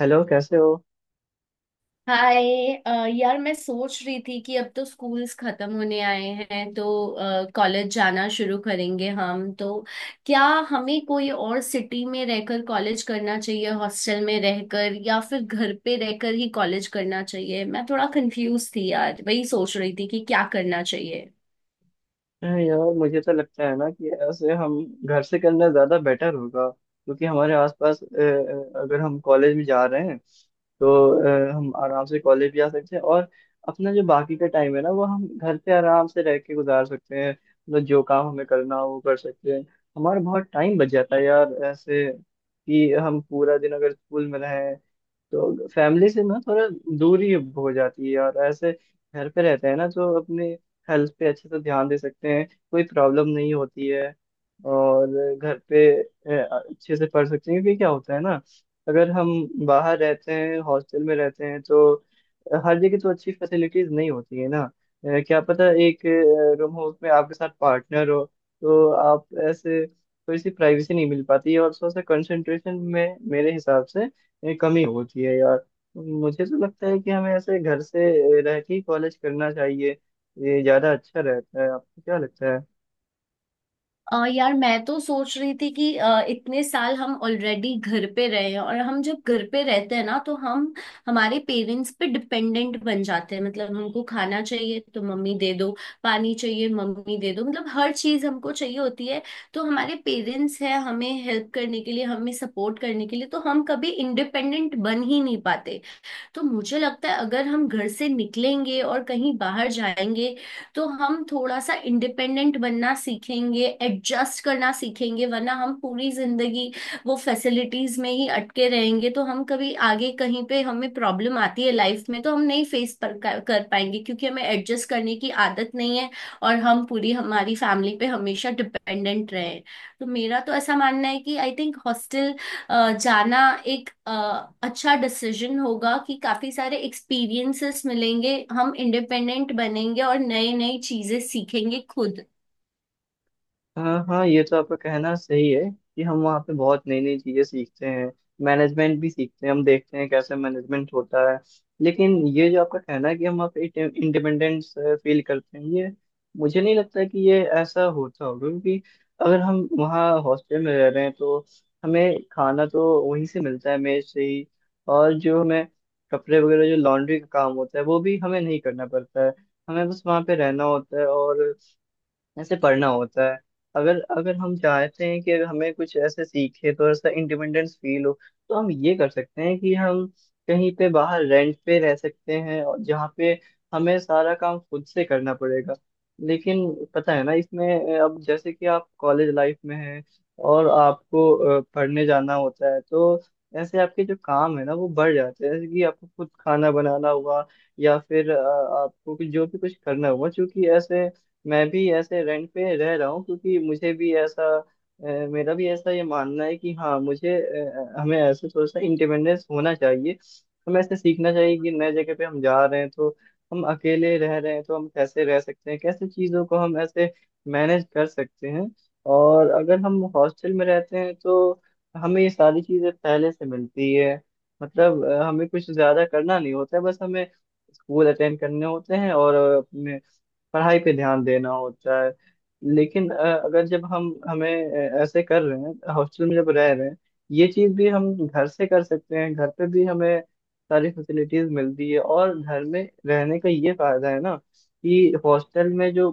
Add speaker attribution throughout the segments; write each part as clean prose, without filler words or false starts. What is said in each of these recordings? Speaker 1: Hello, कैसे हो?
Speaker 2: हाय। यार मैं सोच रही थी कि अब तो स्कूल्स खत्म होने आए हैं तो कॉलेज जाना शुरू करेंगे हम। तो क्या हमें कोई और सिटी में रहकर कॉलेज करना चाहिए, हॉस्टल में रहकर, या फिर घर पे रहकर ही कॉलेज करना चाहिए। मैं थोड़ा कंफ्यूज थी यार, वही सोच रही थी कि क्या करना चाहिए।
Speaker 1: अरे यार, मुझे तो लगता है ना कि ऐसे हम घर से करना ज़्यादा बेटर होगा, क्योंकि हमारे आसपास अगर हम कॉलेज में जा रहे हैं तो हम आराम से कॉलेज भी आ सकते हैं और अपना जो बाकी का टाइम है ना वो हम घर पे आराम से रह के गुजार सकते हैं। मतलब, जो काम हमें करना हो वो कर सकते हैं। हमारा बहुत टाइम बच जाता है यार ऐसे, कि हम पूरा दिन अगर स्कूल में रहें तो फैमिली से ना थोड़ा दूरी हो जाती है, और ऐसे घर पे रहते हैं ना तो अपने हेल्थ पे अच्छे से ध्यान दे सकते हैं, कोई प्रॉब्लम नहीं होती है। और घर पे अच्छे से पढ़ सकते हैं, क्योंकि क्या होता है ना अगर हम बाहर रहते हैं हॉस्टल में रहते हैं तो हर जगह तो अच्छी फैसिलिटीज नहीं होती है ना। क्या पता एक रूम हो उसमें आपके साथ पार्टनर हो तो आप ऐसे थोड़ी सी प्राइवेसी नहीं मिल पाती है, और थोड़ा सा कंसंट्रेशन में मेरे हिसाब से ये कमी होती है यार। मुझे तो लगता है कि हमें ऐसे घर से रह के ही कॉलेज करना चाहिए, ये ज्यादा अच्छा रहता है। आपको क्या लगता है?
Speaker 2: यार मैं तो सोच रही थी कि इतने साल हम ऑलरेडी घर पे रहे हैं, और हम जब घर पे रहते हैं ना तो हम हमारे पेरेंट्स पे डिपेंडेंट बन जाते हैं। मतलब हमको खाना चाहिए तो मम्मी दे दो, पानी चाहिए मम्मी दे दो, मतलब हर चीज हमको चाहिए होती है। तो हमारे पेरेंट्स हैं हमें हेल्प करने के लिए, हमें सपोर्ट करने के लिए, तो हम कभी इंडिपेंडेंट बन ही नहीं पाते। तो मुझे लगता है अगर हम घर से निकलेंगे और कहीं बाहर जाएंगे तो हम थोड़ा सा इंडिपेंडेंट बनना सीखेंगे, एडजस्ट करना सीखेंगे। वरना हम पूरी जिंदगी वो फैसिलिटीज में ही अटके रहेंगे, तो हम कभी आगे कहीं पे हमें प्रॉब्लम आती है लाइफ में तो हम नहीं फेस पर कर पाएंगे, क्योंकि हमें एडजस्ट करने की आदत नहीं है और हम पूरी हमारी फैमिली पे हमेशा डिपेंडेंट रहे। तो मेरा तो ऐसा मानना है कि आई थिंक हॉस्टल जाना एक अच्छा डिसीजन होगा कि काफी सारे एक्सपीरियंसेस मिलेंगे, हम इंडिपेंडेंट बनेंगे और नई नई चीजें सीखेंगे खुद।
Speaker 1: हाँ हाँ, ये तो आपका कहना सही है कि हम वहाँ पे बहुत नई नई चीजें सीखते हैं, मैनेजमेंट भी सीखते हैं, हम देखते हैं कैसे मैनेजमेंट होता है। लेकिन ये जो आपका कहना है कि हम वहाँ पे इंडिपेंडेंस फील करते हैं, ये मुझे नहीं लगता कि ये ऐसा होता होगा, क्योंकि अगर हम वहाँ हॉस्टल में रह रहे हैं तो हमें खाना तो वहीं से मिलता है, मेस से ही। और जो हमें कपड़े वगैरह जो लॉन्ड्री का काम होता है वो भी हमें नहीं करना पड़ता है। हमें बस वहाँ पे रहना होता है और ऐसे पढ़ना होता है। अगर अगर हम चाहते हैं कि अगर हमें कुछ ऐसे सीखे तो ऐसा इंडिपेंडेंस फील हो तो हम ये कर सकते हैं कि हम कहीं पे बाहर रेंट पे रह सकते हैं और जहाँ पे हमें सारा काम खुद से करना पड़ेगा। लेकिन पता है ना, इसमें अब जैसे कि आप कॉलेज लाइफ में हैं और आपको पढ़ने जाना होता है तो ऐसे आपके जो काम है ना वो बढ़ जाते हैं, जैसे कि आपको खुद खाना बनाना हुआ या फिर आपको भी जो भी कुछ करना हुआ, क्योंकि ऐसे मैं भी ऐसे रेंट पे रह रहा हूँ, क्योंकि मुझे भी ऐसा मेरा भी ऐसा ये मानना है कि हाँ हमें ऐसे थोड़ा सा इंडिपेंडेंस होना चाहिए। हमें ऐसे सीखना चाहिए कि नए जगह पे हम जा रहे हैं तो हम अकेले रह रहे हैं तो हम कैसे रह सकते हैं, कैसे चीज़ों को हम ऐसे मैनेज कर सकते हैं। और अगर हम हॉस्टल में रहते हैं तो हमें ये सारी चीज़ें पहले से मिलती है, मतलब हमें कुछ ज़्यादा करना नहीं होता है, बस हमें स्कूल अटेंड करने होते हैं और अपने पढ़ाई पे ध्यान देना होता है। लेकिन अगर जब हम हमें ऐसे कर रहे हैं हॉस्टल में जब रह रहे हैं, ये चीज भी हम घर से कर सकते हैं, घर पे भी हमें सारी फैसिलिटीज मिलती है। और घर में रहने का ये फायदा है ना कि हॉस्टल में जो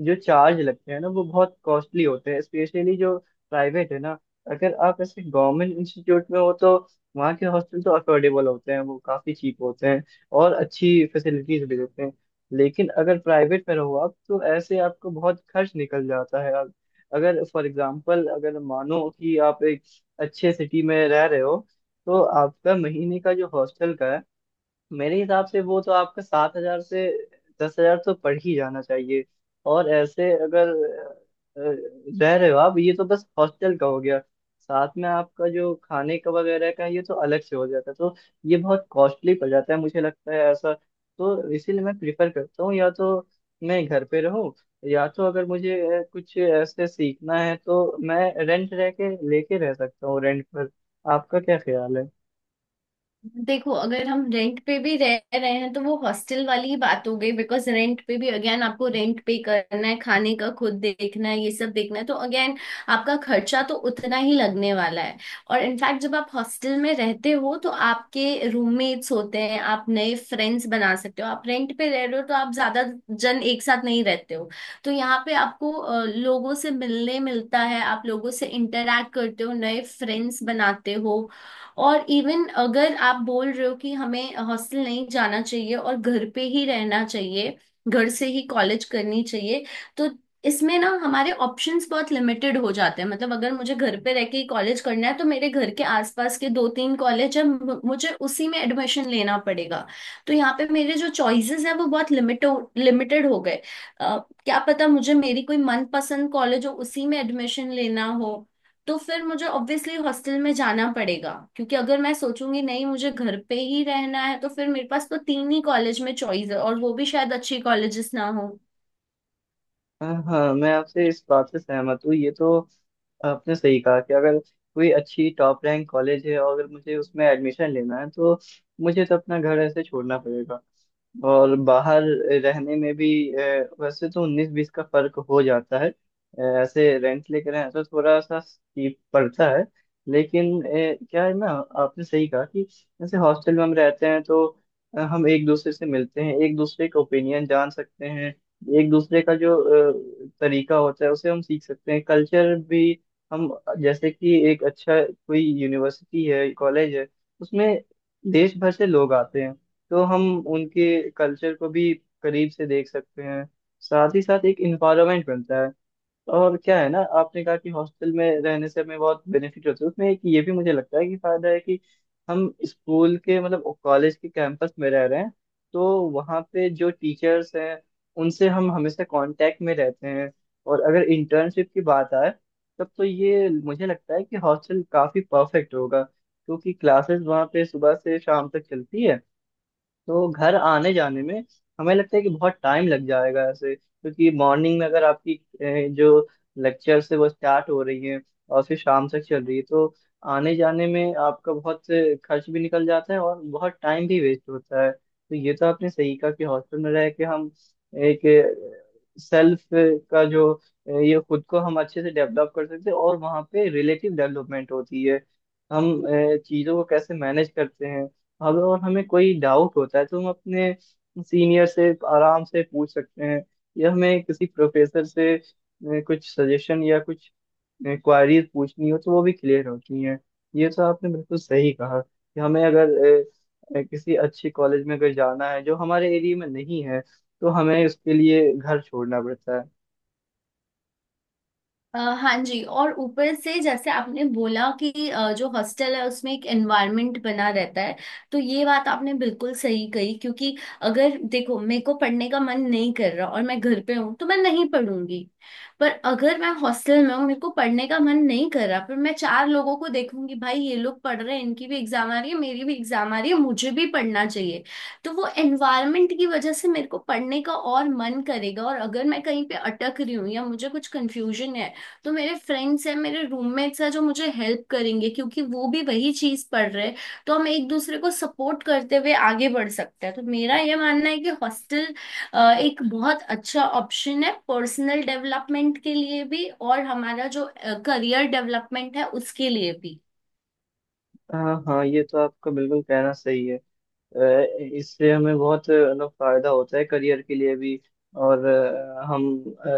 Speaker 1: जो चार्ज लगते हैं ना वो बहुत कॉस्टली होते हैं, स्पेशली जो प्राइवेट है ना। अगर आप ऐसे गवर्नमेंट इंस्टीट्यूट में हो तो वहाँ के हॉस्टल तो अफोर्डेबल होते हैं, वो काफी चीप होते हैं और अच्छी फैसिलिटीज भी देते हैं। लेकिन अगर प्राइवेट में रहो आप तो ऐसे आपको बहुत खर्च निकल जाता है। अगर फॉर एग्जांपल, अगर मानो कि आप एक अच्छे सिटी में रह रहे हो तो आपका महीने का जो हॉस्टल का है, मेरे हिसाब से वो तो आपका 7,000 से 10,000 तो पड़ ही जाना चाहिए। और ऐसे अगर रह रहे हो आप, ये तो बस हॉस्टल का हो गया, साथ में आपका जो खाने का वगैरह का है, ये तो अलग से हो जाता है, तो ये बहुत कॉस्टली पड़ जाता है मुझे लगता है ऐसा। तो इसीलिए मैं प्रिफर करता हूँ या तो मैं घर पे रहूँ, या तो अगर मुझे कुछ ऐसे सीखना है तो मैं रेंट रह के लेके रह सकता हूँ, रेंट पर। आपका क्या ख्याल है?
Speaker 2: देखो, अगर हम रेंट पे भी रह रहे हैं तो वो हॉस्टल वाली ही बात हो गई। बिकॉज रेंट पे भी अगेन आपको रेंट पे करना है, खाने का खुद देखना है, ये सब देखना है, तो अगेन आपका खर्चा तो उतना ही लगने वाला है। और इनफैक्ट जब आप हॉस्टल में रहते हो तो आपके रूममेट्स होते हैं, आप नए फ्रेंड्स बना सकते हो। आप रेंट पे रह रहे हो तो आप ज्यादा जन एक साथ नहीं रहते हो। तो यहाँ पे आपको लोगों से मिलने मिलता है, आप लोगों से इंटरेक्ट करते हो, नए फ्रेंड्स बनाते हो। और इवन अगर आप बोल रहे हो कि हमें हॉस्टल नहीं जाना चाहिए और घर पे ही रहना चाहिए, घर से ही कॉलेज करनी चाहिए, तो इसमें ना हमारे ऑप्शंस बहुत लिमिटेड हो जाते हैं। मतलब अगर मुझे घर पे रह के ही कॉलेज करना है तो मेरे घर के आसपास के दो तीन कॉलेज है, मुझे उसी में एडमिशन लेना पड़ेगा। तो यहाँ पे मेरे जो चॉइसेस हैं वो बहुत लिमिटेड हो गए। अ, क्या पता मुझे मेरी कोई मनपसंद कॉलेज हो, उसी में एडमिशन लेना हो, तो फिर मुझे ऑब्वियसली हॉस्टल में जाना पड़ेगा। क्योंकि अगर मैं सोचूंगी नहीं मुझे घर पे ही रहना है, तो फिर मेरे पास तो तीन ही कॉलेज में चॉइस है और वो भी शायद अच्छी कॉलेजेस ना हो।
Speaker 1: हाँ हाँ, मैं आपसे इस बात से सहमत हूँ, ये तो आपने सही कहा कि अगर कोई अच्छी टॉप रैंक कॉलेज है और अगर मुझे उसमें एडमिशन लेना है तो मुझे तो अपना घर ऐसे छोड़ना पड़ेगा। और बाहर रहने में भी वैसे तो उन्नीस बीस का फर्क हो जाता है, ऐसे रेंट लेकर हैं तो थोड़ा सा चीप पड़ता है। लेकिन क्या है ना, आपने सही कहा कि जैसे हॉस्टल में हम रहते हैं तो हम एक दूसरे से मिलते हैं, एक दूसरे का ओपिनियन जान सकते हैं, एक दूसरे का जो तरीका होता है उसे हम सीख सकते हैं, कल्चर भी। हम जैसे कि एक अच्छा कोई यूनिवर्सिटी है कॉलेज है, उसमें देश भर से लोग आते हैं, तो हम उनके कल्चर को भी करीब से देख सकते हैं। साथ ही साथ एक इन्वायरमेंट बनता है। और क्या है ना, आपने कहा कि हॉस्टल में रहने से हमें बहुत बेनिफिट होता है, उसमें एक ये भी मुझे लगता है कि फायदा है कि हम स्कूल के मतलब कॉलेज के कैंपस में रह रहे हैं, तो वहाँ पे जो टीचर्स हैं उनसे हम हमेशा कांटेक्ट में रहते हैं। और अगर इंटर्नशिप की बात आए तब तो ये मुझे लगता है कि हॉस्टल काफी परफेक्ट होगा, क्योंकि क्लासेस वहाँ पे सुबह से शाम तक चलती है, तो घर आने जाने में हमें लगता है कि बहुत टाइम लग जाएगा ऐसे, क्योंकि मॉर्निंग में अगर आपकी जो लेक्चर से वो स्टार्ट हो रही है और फिर शाम तक चल रही है तो आने जाने में आपका बहुत से खर्च भी निकल जाता है और बहुत टाइम भी वेस्ट होता है। तो ये तो आपने सही कहा कि हॉस्टल में रह के हम एक सेल्फ का जो ये खुद को हम अच्छे से डेवलप कर सकते हैं, और वहाँ पे रिलेटिव डेवलपमेंट होती है। हम चीज़ों को कैसे मैनेज करते हैं, अगर और हमें कोई डाउट होता है तो हम अपने सीनियर से आराम से पूछ सकते हैं। या हमें किसी प्रोफेसर से कुछ सजेशन या कुछ क्वारीज पूछनी हो तो वो भी क्लियर होती हैं। ये तो आपने बिल्कुल सही कहा कि हमें अगर किसी अच्छे कॉलेज में अगर जाना है जो हमारे एरिया में नहीं है तो हमें उसके लिए घर छोड़ना पड़ता है।
Speaker 2: हाँ जी, और ऊपर से जैसे आपने बोला कि जो हॉस्टल है उसमें एक एनवायरनमेंट बना रहता है, तो ये बात आपने बिल्कुल सही कही। क्योंकि अगर देखो मेरे को पढ़ने का मन नहीं कर रहा और मैं घर पे हूँ तो मैं नहीं पढ़ूंगी। पर अगर मैं हॉस्टल में हूँ, मेरे को पढ़ने का मन नहीं कर रहा, पर मैं चार लोगों को देखूंगी, भाई ये लोग पढ़ रहे हैं, इनकी भी एग्जाम आ रही है, मेरी भी एग्जाम आ रही है, मुझे भी पढ़ना चाहिए। तो वो एनवायरनमेंट की वजह से मेरे को पढ़ने का और मन करेगा। और अगर मैं कहीं पे अटक रही हूँ या मुझे कुछ कंफ्यूजन है, तो मेरे फ्रेंड्स हैं, मेरे रूममेट्स हैं, जो मुझे हेल्प करेंगे, क्योंकि वो भी वही चीज पढ़ रहे हैं। तो हम एक दूसरे को सपोर्ट करते हुए आगे बढ़ सकते हैं। तो मेरा ये मानना है कि हॉस्टल एक बहुत अच्छा ऑप्शन है, पर्सनल डेवलपमेंट के लिए भी और हमारा जो करियर डेवलपमेंट है उसके लिए भी।
Speaker 1: हाँ हाँ, ये तो आपका बिल्कुल कहना सही है। अ, इससे हमें बहुत मतलब फायदा होता है, करियर के लिए भी। और हम अ,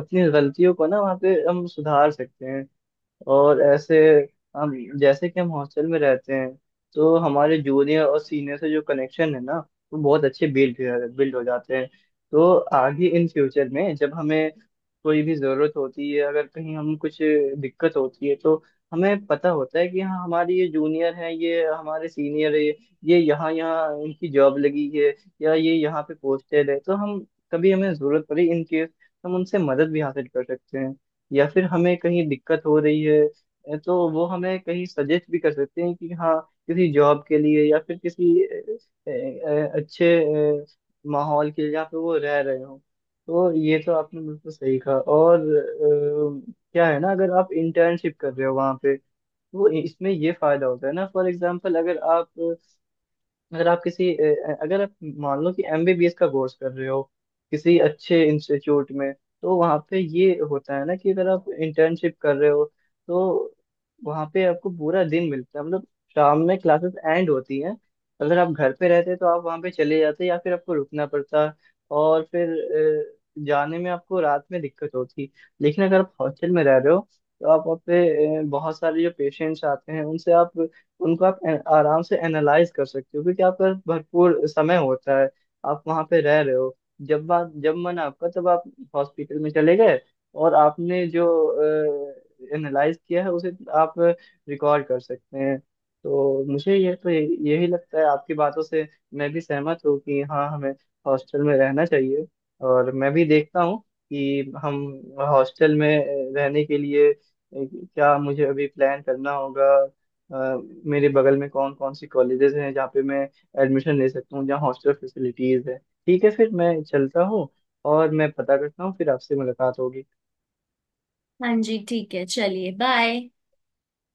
Speaker 1: अपनी गलतियों को ना वहाँ पे हम सुधार सकते हैं। और ऐसे हम जैसे कि हम हॉस्टल में रहते हैं तो हमारे जूनियर और सीनियर से जो कनेक्शन है ना वो बहुत अच्छे बिल्ड बिल्ड हो जाते हैं। तो आगे इन फ्यूचर में जब हमें कोई भी ज़रूरत होती है, अगर कहीं हम कुछ दिक्कत होती है, तो हमें पता होता है कि हाँ हमारे ये जूनियर है, ये हमारे सीनियर है, ये यहाँ यहाँ इनकी जॉब लगी है या ये यहाँ पे पोस्टेड है, तो हम कभी हमें ज़रूरत पड़ी इन केस तो हम उनसे मदद भी हासिल कर सकते हैं। या फिर हमें कहीं दिक्कत हो रही है तो वो हमें कहीं सजेस्ट भी कर सकते हैं कि हाँ किसी जॉब के लिए या फिर किसी अच्छे अ, माहौल के लिए जहाँ पे वो रह रहे हो। तो ये तो आपने बिल्कुल सही कहा और क्या है ना, अगर आप इंटर्नशिप कर रहे हो वहाँ पे तो इसमें ये फायदा होता है ना। फॉर एग्जाम्पल, अगर आप मान लो कि एमबीबीएस का कोर्स कर रहे हो किसी अच्छे इंस्टीट्यूट में, तो वहाँ पे ये होता है ना कि अगर आप इंटर्नशिप कर रहे हो तो वहाँ पे आपको पूरा दिन मिलता है, मतलब शाम में क्लासेस एंड होती हैं। अगर आप घर पे रहते तो आप वहाँ पे चले जाते या फिर आपको रुकना पड़ता और फिर जाने में आपको रात में दिक्कत होती। लेकिन अगर आप हॉस्टल में रह रहे हो तो आप वहाँ पे बहुत सारे जो पेशेंट्स आते हैं उनसे आप उनको आप आराम से एनालाइज कर सकते हो, क्योंकि आपका भरपूर समय होता है। आप वहां पे रह रहे हो, जब मन आपका तब आप हॉस्पिटल में चले गए, और आपने जो एनालाइज किया है उसे आप रिकॉर्ड कर सकते हैं। तो मुझे यही लगता है आपकी बातों से, मैं भी सहमत हूँ कि हाँ हमें हॉस्टल में रहना चाहिए। और मैं भी देखता हूँ कि हम हॉस्टल में रहने के लिए क्या मुझे अभी प्लान करना होगा, अ, मेरे बगल में कौन कौन सी कॉलेजेस हैं जहाँ पे मैं एडमिशन ले सकता हूँ जहाँ हॉस्टल फैसिलिटीज है। ठीक है, फिर मैं चलता हूँ और मैं पता करता हूँ, फिर आपसे मुलाकात होगी।
Speaker 2: हाँ जी, ठीक है, चलिए बाय।